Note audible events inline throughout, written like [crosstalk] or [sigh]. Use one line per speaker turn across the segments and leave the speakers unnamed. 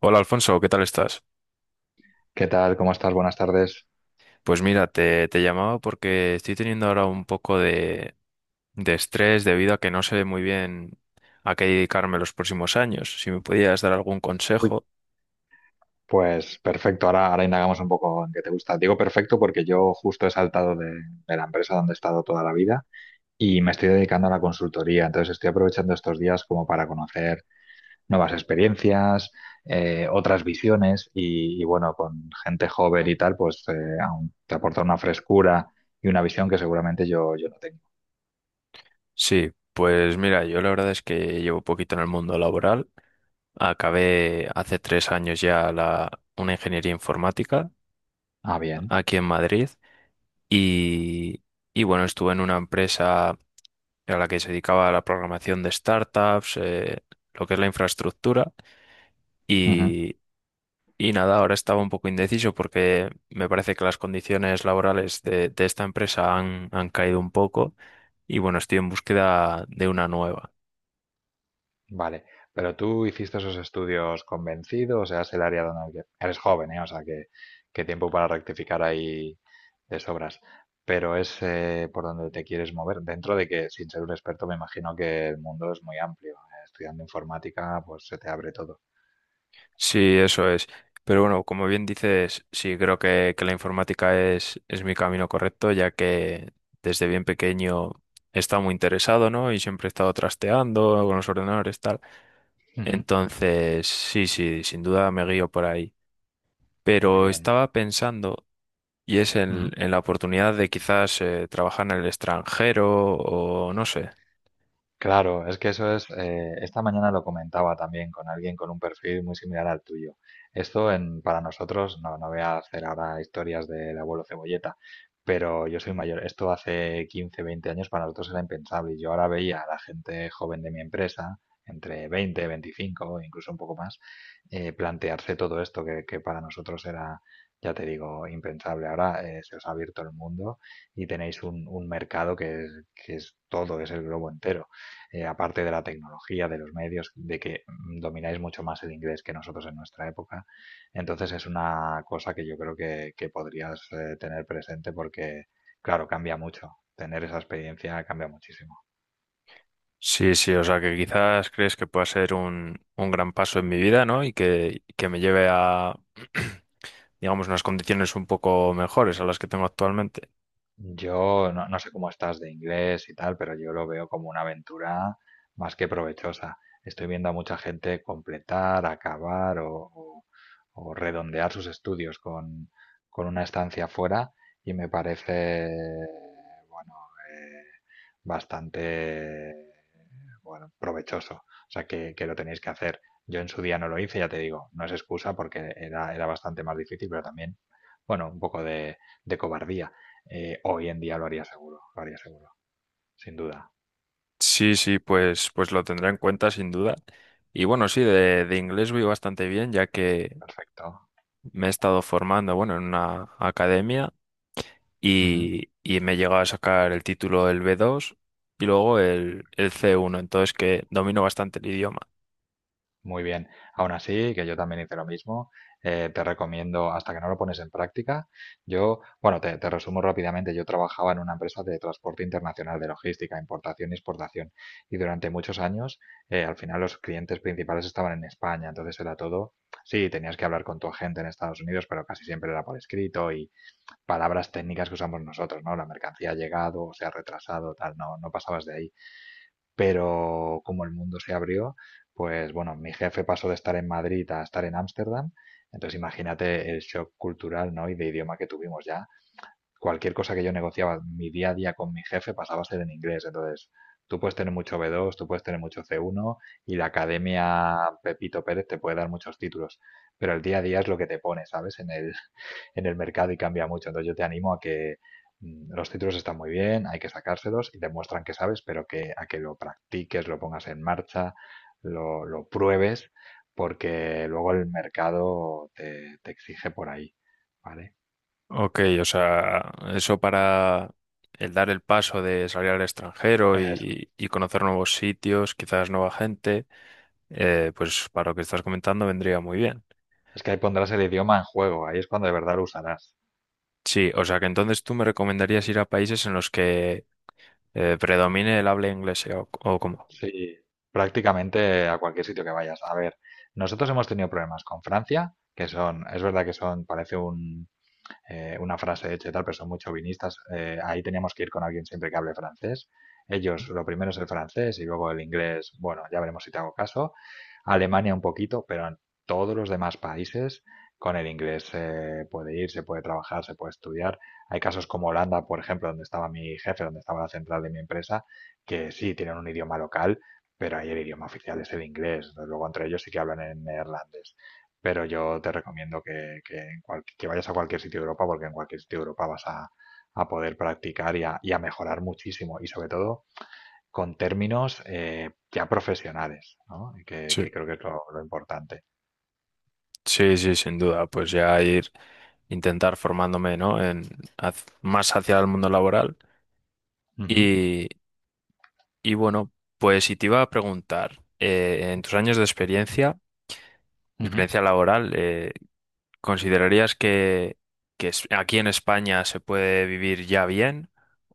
Hola Alfonso, ¿qué tal estás?
¿Qué tal? ¿Cómo estás? Buenas tardes.
Pues mira, te llamaba porque estoy teniendo ahora un poco de estrés debido a que no sé muy bien a qué dedicarme los próximos años. Si me podías dar algún
Uy,
consejo.
Pues perfecto, ahora indagamos un poco en qué te gusta. Digo perfecto porque yo justo he saltado de la empresa donde he estado toda la vida y me estoy dedicando a la consultoría. Entonces estoy aprovechando estos días como para conocer nuevas experiencias, otras visiones y bueno, con gente joven y tal, pues aún te aporta una frescura y una visión que seguramente yo no tengo.
Sí, pues mira, yo la verdad es que llevo poquito en el mundo laboral. Acabé hace 3 años ya una ingeniería informática
Ah, bien.
aquí en Madrid y, y bueno, estuve en una empresa a la que se dedicaba a la programación de startups, lo que es la infraestructura. Y, y nada, ahora estaba un poco indeciso porque me parece que las condiciones laborales de esta empresa han caído un poco y bueno, estoy en búsqueda de una nueva.
Vale, pero tú hiciste esos estudios convencido, o sea, es el área donde eres joven, ¿eh? O sea, que tiempo para rectificar ahí de sobras. Pero es por donde te quieres mover, dentro de que sin ser un experto me imagino que el mundo es muy amplio. Estudiando informática, pues se te abre todo.
Sí, eso es. Pero bueno, como bien dices, sí, creo que la informática es mi camino correcto, ya que desde bien pequeño he estado muy interesado, ¿no? Y siempre he estado trasteando con los ordenadores, tal.
Ujú.
Entonces, sí, sí, sin duda me guío por ahí.
Muy
Pero
bien.
estaba pensando. Y es en la oportunidad de quizás trabajar en el extranjero o no sé.
Claro, es que eso es, esta mañana lo comentaba también con alguien con un perfil muy similar al tuyo. Esto para nosotros, no, no voy a hacer ahora historias del abuelo Cebolleta, pero yo soy mayor. Esto hace 15, 20 años para nosotros era impensable y yo ahora veía a la gente joven de mi empresa, entre 20, 25, incluso un poco más, plantearse todo esto que para nosotros era, ya te digo, impensable. Ahora se os ha abierto el mundo y tenéis un mercado que es todo, es el globo entero aparte de la tecnología, de los medios, de que domináis mucho más el inglés que nosotros en nuestra época. Entonces es una cosa que yo creo que podrías tener presente porque, claro, cambia mucho. Tener esa experiencia cambia muchísimo.
Sí, sí, o sea que quizás crees que pueda ser un gran paso en mi vida, ¿no? Y que me lleve a, [clears throat] digamos, unas condiciones un poco mejores a las que tengo actualmente.
Yo no, no sé cómo estás de inglés y tal, pero yo lo veo como una aventura más que provechosa. Estoy viendo a mucha gente completar, acabar o redondear sus estudios con una estancia fuera y me parece, bueno, eh, bastante, bueno, provechoso. O sea, que lo tenéis que hacer. Yo en su día no lo hice, ya te digo, no es excusa porque era, era bastante más difícil, pero también, bueno, un poco de cobardía, hoy en día lo haría seguro, sin duda.
Sí, sí, pues lo tendré en cuenta sin duda. Y bueno, sí, de inglés voy bastante bien, ya que
Perfecto.
me he estado formando, bueno, en una academia.
Ujú.
Y, y me he llegado a sacar el título el B2 y luego el C1, entonces que domino bastante el idioma.
Muy bien. Aún así, que yo también hice lo mismo, te recomiendo, hasta que no lo pones en práctica, yo, bueno, te resumo rápidamente, yo trabajaba en una empresa de transporte internacional, de logística, importación y exportación, y durante muchos años, al final los clientes principales estaban en España, entonces era todo, sí, tenías que hablar con tu agente en Estados Unidos, pero casi siempre era por escrito, palabras técnicas que usamos nosotros, ¿no? La mercancía ha llegado, o se ha retrasado, tal, no, no pasabas de ahí. Pero como el mundo se abrió, pues bueno, mi jefe pasó de estar en Madrid a estar en Ámsterdam, entonces imagínate el shock cultural, ¿no? Y de idioma que tuvimos ya. Cualquier cosa que yo negociaba mi día a día con mi jefe pasaba a ser en inglés, entonces tú puedes tener mucho B2, tú puedes tener mucho C1 y la academia Pepito Pérez te puede dar muchos títulos, pero el día a día es lo que te pone, ¿sabes? En el mercado y cambia mucho. Entonces yo te animo a que los títulos están muy bien, hay que sacárselos y demuestran que sabes, pero que a que lo practiques, lo pongas en marcha, lo pruebes, porque luego el mercado te, te exige por ahí, ¿vale?
Ok, o sea, eso para el dar el paso de salir al extranjero
Es,
y conocer nuevos sitios, quizás nueva gente, pues para lo que estás comentando vendría muy bien.
es que ahí pondrás el idioma en juego, ahí es cuando de verdad lo usarás.
Sí, o sea que entonces tú me recomendarías ir a países en los que predomine el habla inglesa o cómo.
Sí, prácticamente a cualquier sitio que vayas. A ver, nosotros hemos tenido problemas con Francia, que son, es verdad que son, parece un, una frase hecha y tal, pero son muy chauvinistas. Ahí teníamos que ir con alguien siempre que hable francés. Ellos, lo primero es el francés y luego el inglés, bueno, ya veremos si te hago caso. Alemania un poquito, pero en todos los demás países con el inglés se puede ir, se puede trabajar, se puede estudiar. Hay casos como Holanda, por ejemplo, donde estaba mi jefe, donde estaba la central de mi empresa, que sí tienen un idioma local, pero ahí el idioma oficial es el inglés. Luego entre ellos sí que hablan en neerlandés. Pero yo te recomiendo que en que vayas a cualquier sitio de Europa, porque en cualquier sitio de Europa vas a poder practicar y a mejorar muchísimo, y sobre todo con términos ya profesionales, ¿no? Que
Sí.
creo que es lo importante.
Sí, sí, sin duda. Pues ya ir, intentar formándome, ¿no? En, más hacia el mundo laboral.
Ujú,
Y, y bueno, pues si te iba a preguntar, en tus años de
ujú.
experiencia, laboral, ¿considerarías que aquí en España se puede vivir ya bien?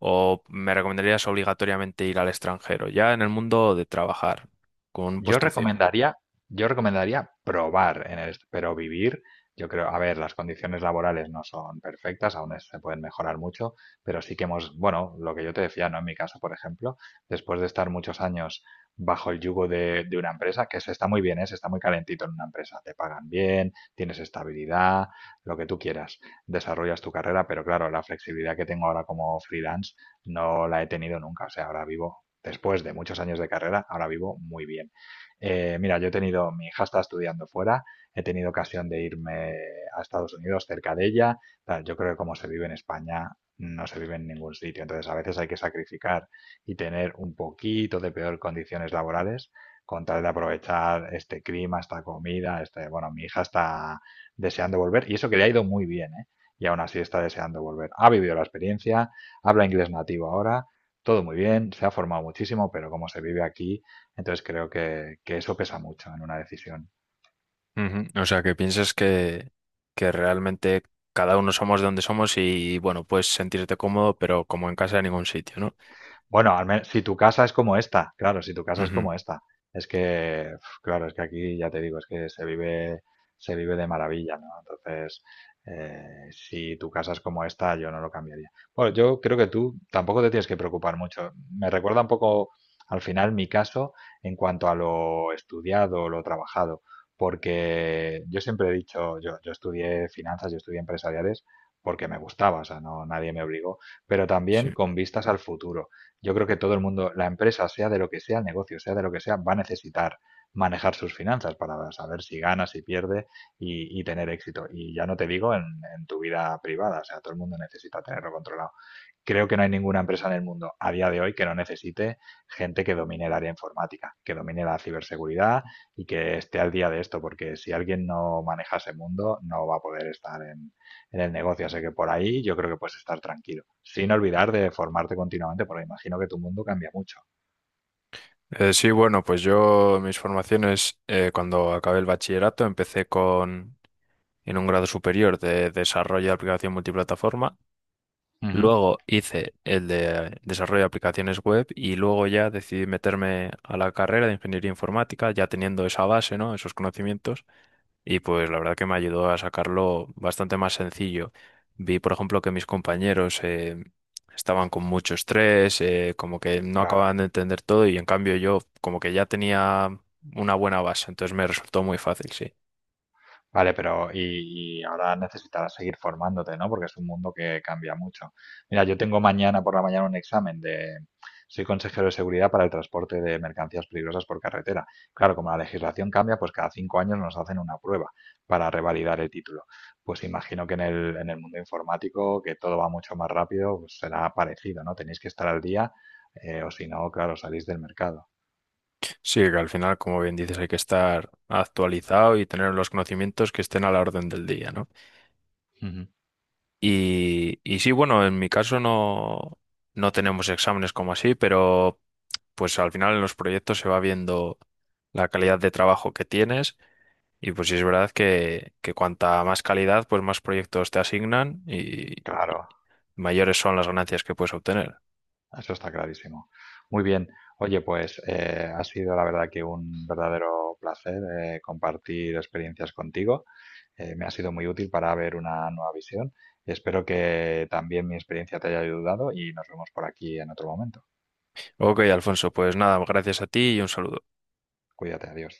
¿O me recomendarías obligatoriamente ir al extranjero, ya en el mundo de trabajar, con un
Yo
puesto fijo?
recomendaría, yo recomendaría probar en pero vivir, yo creo, a ver, las condiciones laborales no son perfectas, aún se pueden mejorar mucho, pero sí que hemos, bueno, lo que yo te decía, ¿no? En mi caso, por ejemplo, después de estar muchos años bajo el yugo de una empresa, que se está muy bien, ¿eh? Se está muy calentito en una empresa, te pagan bien, tienes estabilidad, lo que tú quieras, desarrollas tu carrera, pero claro, la flexibilidad que tengo ahora como freelance no la he tenido nunca, o sea, ahora vivo después de muchos años de carrera, ahora vivo muy bien. Mira, yo he tenido, mi hija está estudiando fuera, he tenido ocasión de irme a Estados Unidos cerca de ella. Tal, yo creo que como se vive en España, no se vive en ningún sitio. Entonces, a veces hay que sacrificar y tener un poquito de peor condiciones laborales con tal de aprovechar este clima, esta comida, este, bueno, mi hija está deseando volver y eso que le ha ido muy bien, ¿eh? Y aún así está deseando volver. Ha vivido la experiencia, habla inglés nativo ahora, todo muy bien, se ha formado muchísimo, pero como se vive aquí, entonces creo que eso pesa mucho en una decisión.
Ujú. O sea, que piensas que realmente cada uno somos de donde somos y bueno, puedes sentirte cómodo, pero como en casa en ningún sitio, ¿no?
Bueno, al menos si tu casa es como esta, claro, si tu casa es
Ujú.
como esta. Es que, uf, claro, es que aquí ya te digo, es que se vive de maravilla, ¿no? Entonces, si tu casa es como esta, yo no lo cambiaría. Bueno, yo creo que tú tampoco te tienes que preocupar mucho. Me recuerda un poco, al final, mi caso en cuanto a lo estudiado, lo trabajado, porque yo siempre he dicho, yo estudié finanzas, yo estudié empresariales porque me gustaba, o sea, no, nadie me obligó, pero
Sí.
también con vistas al futuro. Yo creo que todo el mundo, la empresa, sea de lo que sea, el negocio, sea de lo que sea, va a necesitar manejar sus finanzas para saber si gana, si pierde y tener éxito. Y ya no te digo en tu vida privada, o sea, todo el mundo necesita tenerlo controlado, creo que no hay ninguna empresa en el mundo a día de hoy que no necesite gente que domine el área informática, que domine la ciberseguridad y que esté al día de esto, porque si alguien no maneja ese mundo, no va a poder estar en el negocio. Así que por ahí yo creo que puedes estar tranquilo, sin olvidar de formarte continuamente, porque imagino que tu mundo cambia mucho.
Sí, bueno, pues yo mis formaciones, cuando acabé el bachillerato, empecé con en un grado superior de desarrollo de aplicación multiplataforma.
Ujú.
Luego hice el de desarrollo de aplicaciones web y luego ya decidí meterme a la carrera de ingeniería informática, ya teniendo esa base, ¿no? Esos conocimientos. Y pues la verdad que me ayudó a sacarlo bastante más sencillo. Vi, por ejemplo, que mis compañeros estaban con mucho estrés, como que no
Claro.
acababan de entender todo y en cambio yo como que ya tenía una buena base, entonces me resultó muy fácil, sí.
Vale, pero y ahora necesitarás seguir formándote, ¿no? Porque es un mundo que cambia mucho. Mira, yo tengo mañana por la mañana un examen de… Soy consejero de seguridad para el transporte de mercancías peligrosas por carretera. Claro, como la legislación cambia, pues cada 5 años nos hacen una prueba para revalidar el título. Pues imagino que en el mundo informático, que todo va mucho más rápido, pues será parecido, ¿no? Tenéis que estar al día, o si no, claro, salís del mercado.
Sí, que al final, como bien dices, hay que estar actualizado y tener los conocimientos que estén a la orden del día, ¿no?
Ujú.
Y sí, bueno, en mi caso no, no tenemos exámenes como así, pero pues al final en los proyectos se va viendo la calidad de trabajo que tienes y pues sí es verdad que cuanta más calidad, pues más proyectos te asignan y,
Claro.
y mayores son las ganancias que puedes obtener.
Eso está clarísimo. Muy bien. Oye, pues ha sido la verdad que un verdadero placer compartir experiencias contigo. Me ha sido muy útil para ver una nueva visión. Espero que también mi experiencia te haya ayudado y nos vemos por aquí en otro momento.
Ok, Alfonso, pues nada, gracias a ti y un saludo.
Cuídate, adiós.